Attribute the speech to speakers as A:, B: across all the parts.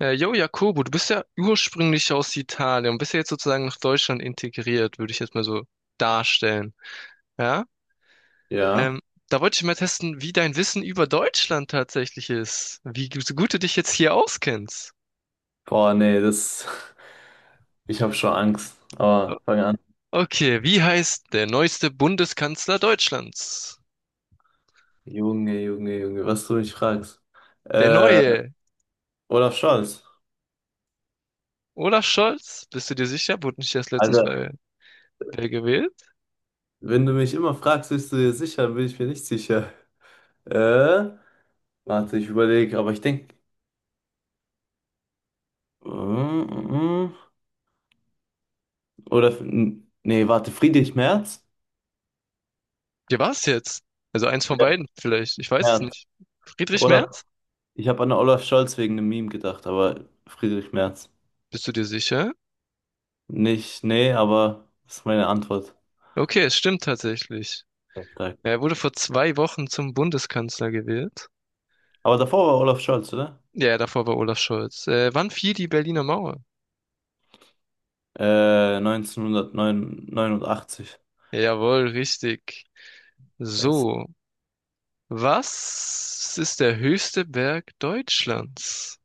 A: Jo, Jakobo, du bist ja ursprünglich aus Italien und bist ja jetzt sozusagen nach Deutschland integriert, würde ich jetzt mal so darstellen. Ja?
B: Ja.
A: Ähm, da wollte ich mal testen, wie dein Wissen über Deutschland tatsächlich ist. Wie so gut du dich jetzt hier auskennst.
B: Boah, nee, das. Ich habe schon Angst.
A: O-
B: Aber fang an.
A: Okay, wie heißt der neueste Bundeskanzler Deutschlands?
B: Junge, Junge, Junge, was du mich fragst.
A: Der
B: Äh,
A: neue.
B: Olaf Scholz.
A: Olaf Scholz? Bist du dir sicher? Wurde nicht erst letztens
B: Alter,
A: wer gewählt?
B: wenn du mich immer fragst, bist du dir sicher, dann bin ich mir nicht sicher. Äh, Warte, ich überlege, aber ich denke. Oder. Nee, warte, Friedrich Merz?
A: Ja, war's jetzt? Also eins von
B: Ja,
A: beiden vielleicht. Ich weiß es
B: Merz.
A: nicht. Friedrich
B: Olaf.
A: Merz?
B: Ich habe an Olaf Scholz wegen einem Meme gedacht, aber Friedrich Merz.
A: Bist du dir sicher?
B: Nicht, nee, aber das ist meine Antwort.
A: Okay, es stimmt tatsächlich.
B: Sehr stark.
A: Ja, er wurde vor 2 Wochen zum Bundeskanzler gewählt.
B: Aber davor war Olaf Scholz, oder?
A: Ja, davor war Olaf Scholz. Wann fiel die Berliner Mauer?
B: 1989.
A: Jawohl, richtig.
B: Yes.
A: So, was ist der höchste Berg Deutschlands?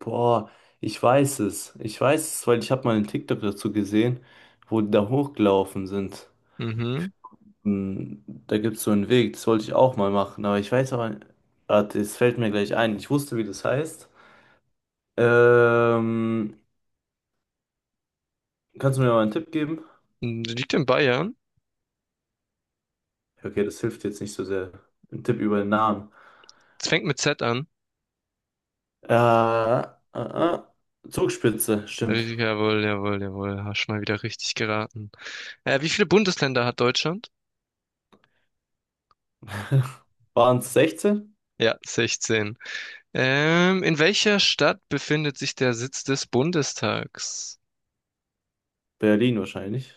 B: Boah, ich weiß es. Ich weiß es, weil ich habe mal einen TikTok dazu gesehen, wo die da hochgelaufen sind.
A: Mhm.
B: Da gibt es so einen Weg, das wollte ich auch mal machen, aber ich weiß aber, warte, es fällt mir gleich ein. Ich wusste, wie das heißt. Ähm, Kannst du mir mal einen Tipp geben?
A: Hm, Die liegt in Bayern.
B: Okay, das hilft jetzt nicht so sehr. Ein Tipp über den Namen.
A: Es fängt mit Z an.
B: Äh, äh, äh, Zugspitze,
A: Ja,
B: stimmt.
A: jawohl, jawohl, jawohl. Hast schon mal wieder richtig geraten. Wie viele Bundesländer hat Deutschland?
B: Waren es 16?
A: Ja, 16. In welcher Stadt befindet sich der Sitz des Bundestags?
B: Berlin wahrscheinlich.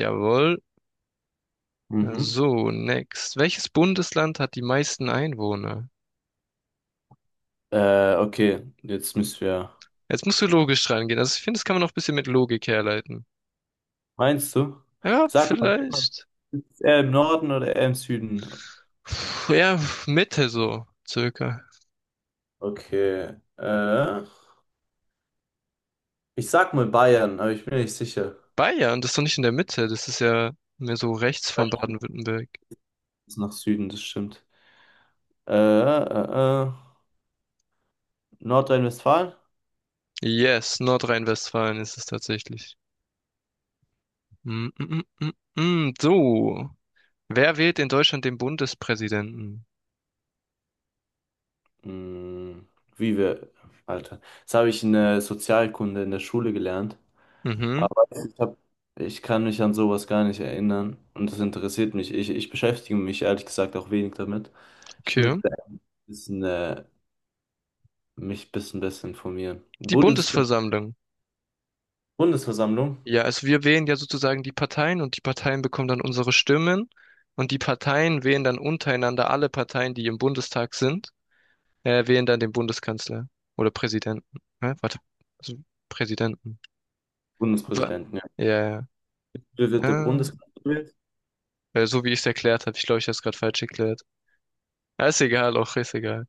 A: Jawohl.
B: Mhm.
A: So, next. Welches Bundesland hat die meisten Einwohner?
B: Okay, jetzt müssen wir.
A: Jetzt musst du logisch rangehen. Also ich finde, das kann man noch ein bisschen mit Logik herleiten.
B: Meinst du?
A: Ja,
B: Sag mal,
A: vielleicht.
B: ist er im Norden oder eher im Süden?
A: Puh, ja, Mitte so, circa.
B: Okay. Ich sag mal Bayern, aber ich bin nicht sicher.
A: Bayern, das ist doch nicht in der Mitte, das ist ja mehr so rechts
B: Ja,
A: von Baden-Württemberg.
B: ist nach Süden, das stimmt. Äh, äh, äh, Nordrhein-Westfalen?
A: Yes, Nordrhein-Westfalen ist es tatsächlich. Mm, mm, mm, mm, mm. So, wer wählt in Deutschland den Bundespräsidenten?
B: Hm, Wie wir. Alter. Das habe ich in der Sozialkunde in der Schule gelernt.
A: Mhm,
B: Aber ich kann mich an sowas gar nicht erinnern. Und das interessiert mich. Ich beschäftige mich ehrlich gesagt auch wenig damit. Ich
A: okay.
B: müsste bisschen, mich bis ein bisschen besser informieren.
A: Die Bundesversammlung.
B: Bundesversammlung?
A: Ja, also wir wählen ja sozusagen die Parteien und die Parteien bekommen dann unsere Stimmen und die Parteien wählen dann untereinander alle Parteien, die im Bundestag sind, wählen dann den Bundeskanzler oder Präsidenten. Hä? Warte, also Präsidenten. Wa-
B: Bundespräsidenten, ja.
A: Ja, ja.
B: Wie wird der
A: Ah,
B: Bundespräsident gewählt?
A: weil so wie ich es erklärt habe, ich glaube, ich habe es gerade falsch erklärt. Ja, ist egal, auch ist egal.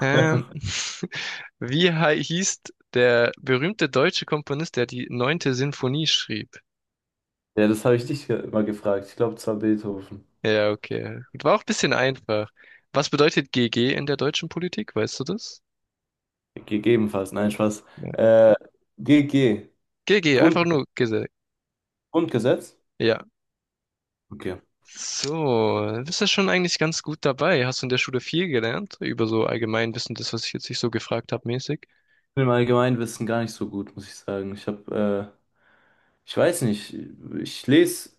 A: Ähm, wie hieß der berühmte deutsche Komponist, der die neunte Sinfonie schrieb?
B: Ja, das habe ich dich mal gefragt. Ich glaube, zwar Beethoven.
A: Ja, okay. Gut, war auch ein bisschen einfach. Was bedeutet GG in der deutschen Politik? Weißt du das?
B: Gegebenenfalls, nein, Spaß.
A: Nein.
B: Äh, GG.
A: GG,
B: Grund
A: einfach nur gesagt.
B: Grundgesetz?
A: Ja.
B: Okay. Ich
A: So, dann bist du schon eigentlich ganz gut dabei. Hast du in der Schule viel gelernt über so Allgemeinwissen, das, was ich jetzt nicht so gefragt habe, mäßig?
B: bin im Allgemeinwissen gar nicht so gut, muss ich sagen. Ich weiß nicht, ich lese,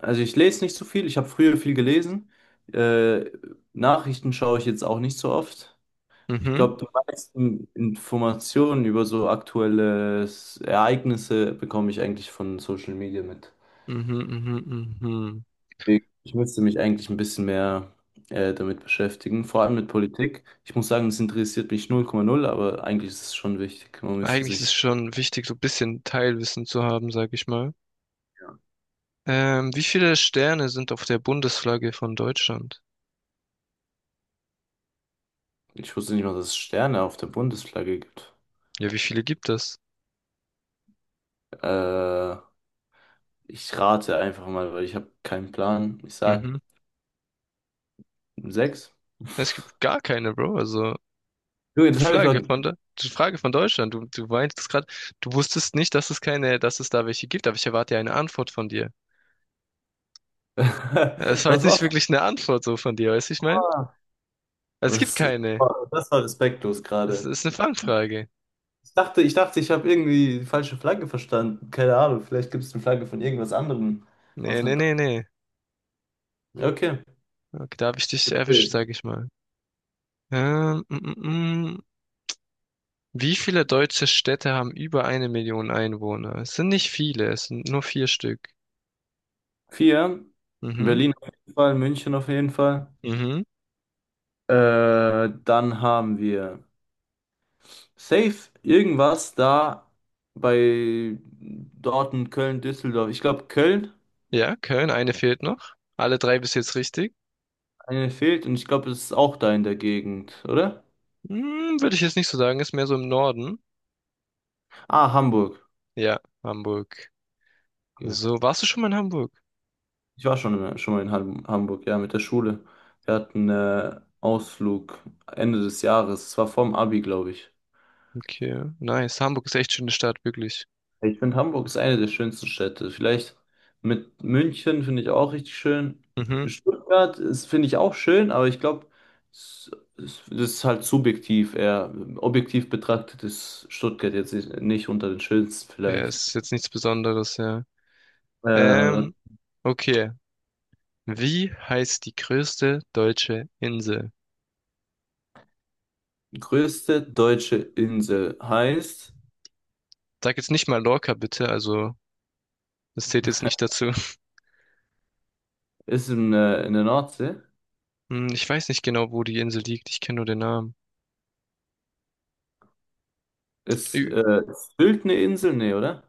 B: also ich lese nicht so viel. Ich habe früher viel gelesen. Äh, Nachrichten schaue ich jetzt auch nicht so oft. Ich
A: Mhm,
B: glaube, die meisten Informationen über so aktuelle Ereignisse bekomme ich eigentlich von Social Media mit.
A: mhm, mhm, mhm.
B: Deswegen, ich müsste mich eigentlich ein bisschen mehr damit beschäftigen, vor allem mit Politik. Ich muss sagen, das interessiert mich 0,0, aber eigentlich ist es schon wichtig. Man müsste
A: Eigentlich ist es
B: sich.
A: schon wichtig, so ein bisschen Teilwissen zu haben, sag ich mal. Wie viele Sterne sind auf der Bundesflagge von Deutschland?
B: Ich wusste nicht mal, dass es Sterne auf der Bundesflagge gibt.
A: Ja, wie viele gibt es?
B: Äh, Ich rate einfach mal, weil ich habe keinen Plan. Ich sag
A: Mhm.
B: sechs.
A: Es gibt gar keine, Bro. Also
B: Junge,
A: die
B: das habe ich doch.
A: Flagge von der, die Frage von Deutschland. Du meintest gerade, du wusstest nicht, dass es keine, dass es da welche gibt, aber ich erwarte ja eine Antwort von dir. Es war
B: Was
A: jetzt nicht
B: war's?
A: wirklich eine Antwort so von dir, weißt du, ich meine?
B: Ah,
A: Es gibt
B: Das,
A: keine.
B: das war respektlos
A: Es
B: gerade.
A: ist eine Fangfrage.
B: Ich dachte, ich habe irgendwie die falsche Flagge verstanden. Keine Ahnung, vielleicht gibt es eine Flagge von irgendwas anderem.
A: Nee,
B: Was
A: nee,
B: mit.
A: nee, nee.
B: Okay.
A: Okay, da hab ich dich erwischt,
B: Okay.
A: sag ich mal. Ähm, mm, mm, mm. Wie viele deutsche Städte haben über eine Million Einwohner? Es sind nicht viele, es sind nur vier Stück.
B: Vier.
A: Mhm,
B: Berlin auf jeden Fall, München auf jeden Fall.
A: mhm.
B: Dann haben wir safe irgendwas da bei Dortmund, Köln, Düsseldorf. Ich glaube, Köln.
A: Ja, Köln, eine fehlt noch. Alle drei bis jetzt richtig.
B: Eine fehlt und ich glaube, es ist auch da in der Gegend, oder?
A: Hm, würde ich jetzt nicht so sagen, ist mehr so im Norden.
B: Ah, Hamburg.
A: Ja, Hamburg.
B: Okay.
A: So, warst du schon mal in Hamburg?
B: Ich war schon mal in Hamburg, ja, mit der Schule. Wir hatten Ausflug Ende des Jahres. Es war vorm Abi, glaube ich.
A: Okay, nice. Hamburg ist echt schöne Stadt, wirklich.
B: Ich finde, Hamburg ist eine der schönsten Städte. Vielleicht mit München finde ich auch richtig schön.
A: Mhm.
B: Stuttgart ist, finde ich, auch schön, aber ich glaube, es, das ist halt subjektiv eher. Objektiv betrachtet ist Stuttgart jetzt nicht unter den schönsten
A: Ja,
B: vielleicht.
A: ist jetzt nichts Besonderes, ja.
B: Äh,
A: Ähm, okay. Wie heißt die größte deutsche Insel?
B: Größte deutsche Insel heißt,
A: Sag jetzt nicht mal Lorca, bitte, also das zählt jetzt nicht dazu.
B: ist in der Nordsee.
A: Hm, Ich weiß nicht genau, wo die Insel liegt. Ich kenne nur den Namen.
B: Ist
A: Ü-
B: äh, ist Sylt eine Insel? Nee, oder?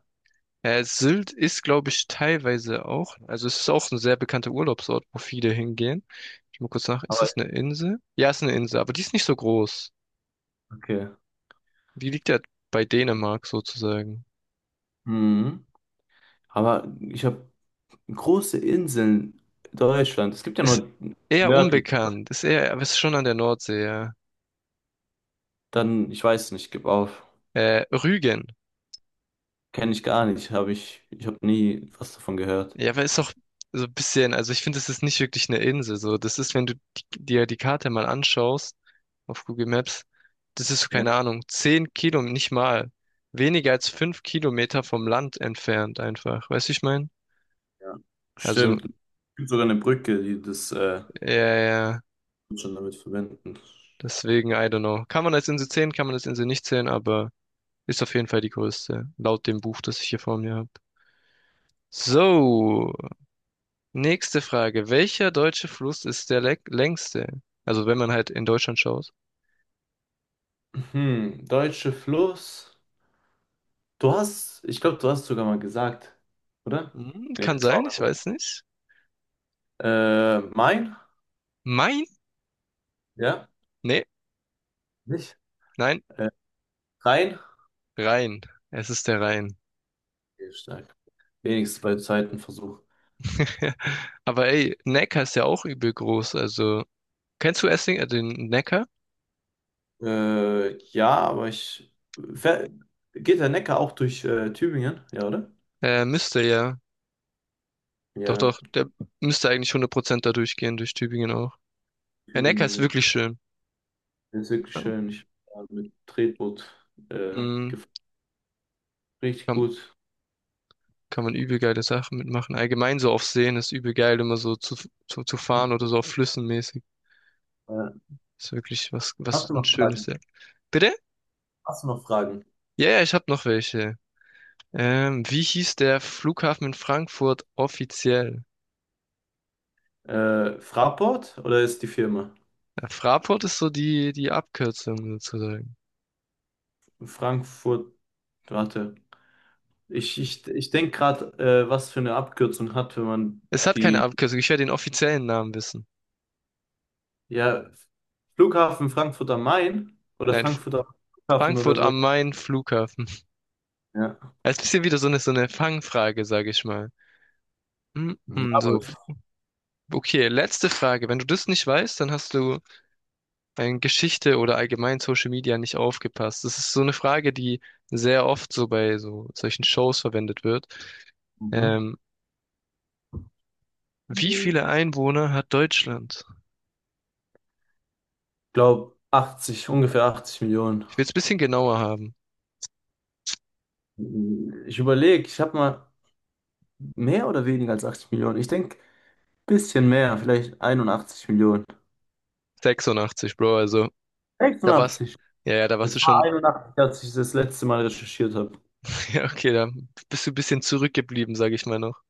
A: Sylt ist, glaube ich, teilweise auch. Also es ist auch ein sehr bekannter Urlaubsort, wo viele hingehen. Ich mal kurz nach. Ist
B: Aber
A: das eine Insel? Ja, es ist eine Insel, aber die ist nicht so groß.
B: okay.
A: Die liegt ja bei Dänemark sozusagen.
B: Mhm. Aber ich habe große Inseln. Deutschland. Es gibt ja
A: Ist
B: nur
A: eher
B: nördlich.
A: unbekannt. Ist eher, aber ist schon an der Nordsee, ja.
B: Dann, ich weiß nicht, gib auf.
A: Rügen.
B: Kenne ich gar nicht. Ich habe nie was davon gehört.
A: Ja, aber ist doch so ein bisschen, also ich finde, das ist nicht wirklich eine Insel. So, das ist, wenn du dir die Karte mal anschaust auf Google Maps, das ist so,
B: Okay.
A: keine Ahnung, 10 Kilometer nicht mal. Weniger als 5 Kilometer vom Land entfernt einfach. Weißt du, ich meine?
B: Ja.
A: Also,
B: Stimmt. Es gibt sogar eine Brücke, die das
A: ja, ja, ja,
B: schon damit verbinden.
A: deswegen, I don't know. Kann man als Insel zählen, kann man als Insel nicht zählen, aber ist auf jeden Fall die größte, laut dem Buch, das ich hier vor mir habe. So, nächste Frage. Welcher deutsche Fluss ist der längste? Also, wenn man halt in Deutschland schaut.
B: Deutsche Fluss. Du hast, ich glaube, du hast sogar mal gesagt, oder?
A: Hm,
B: Nee,
A: Kann
B: das war.
A: sein, ich weiß nicht.
B: Main?
A: Main?
B: Ja?
A: Nee,
B: Nicht?
A: nein,
B: Rein?
A: Rhein. Es ist der Rhein.
B: Okay, stark. Wenigstens bei zweiten Versuch.
A: Aber ey, Neckar ist ja auch übel groß. Also, kennst du Essling, den Neckar?
B: Ja, aber ich. Ver- Geht der Neckar auch durch Tübingen? Ja, oder?
A: Müsste ja. Doch,
B: Ja,
A: doch, der müsste eigentlich 100% da durchgehen, durch Tübingen auch. Der Neckar
B: Tübingen
A: ist
B: ist,
A: wirklich schön.
B: ist wirklich
A: Ja.
B: schön. Ich war mit Tretboot äh,
A: Hm,
B: gef- richtig
A: kann,
B: gut.
A: kann man übel geile Sachen mitmachen. Allgemein so auf Seen ist übel geil, immer so zu fahren oder so auf Flüssen mäßig.
B: Äh,
A: Ist wirklich was,
B: Hast
A: was
B: du
A: ein
B: noch
A: schönes.
B: Fragen?
A: Ja. Bitte?
B: Hast du noch Fragen?
A: Ja, ja, ich hab noch welche. Wie hieß der Flughafen in Frankfurt offiziell?
B: Fraport oder ist die Firma?
A: Ja, Fraport ist so die Abkürzung sozusagen.
B: Frankfurt, warte. Ich denke gerade, was für eine Abkürzung hat, wenn man
A: Es hat keine
B: die.
A: Abkürzung, ich werde den offiziellen Namen wissen.
B: Ja, Flughafen Frankfurt am Main oder
A: Nein,
B: Frankfurt am Flughafen oder
A: Frankfurt
B: so.
A: am Main Flughafen.
B: Ja.
A: Also, das ist ein bisschen wieder so eine Fangfrage, sage ich mal.
B: Ja, aber
A: So, okay, letzte Frage. Wenn du das nicht weißt, dann hast du in Geschichte oder allgemein Social Media nicht aufgepasst. Das ist so eine Frage, die sehr oft so bei so solchen Shows verwendet wird.
B: mhm.
A: Ähm, wie viele Einwohner hat Deutschland?
B: glaube 80, ungefähr 80 Millionen.
A: Ich will es ein bisschen genauer haben.
B: Ich überlege, ich habe mal mehr oder weniger als 80 Millionen. Ich denke, bisschen mehr, vielleicht 81 Millionen.
A: 86, Bro, also da war's.
B: 86.
A: Ja, ja, da warst du
B: Es war
A: schon.
B: 81, als ich das letzte Mal recherchiert habe.
A: Ja, okay, da bist du ein bisschen zurückgeblieben, sag ich mal noch.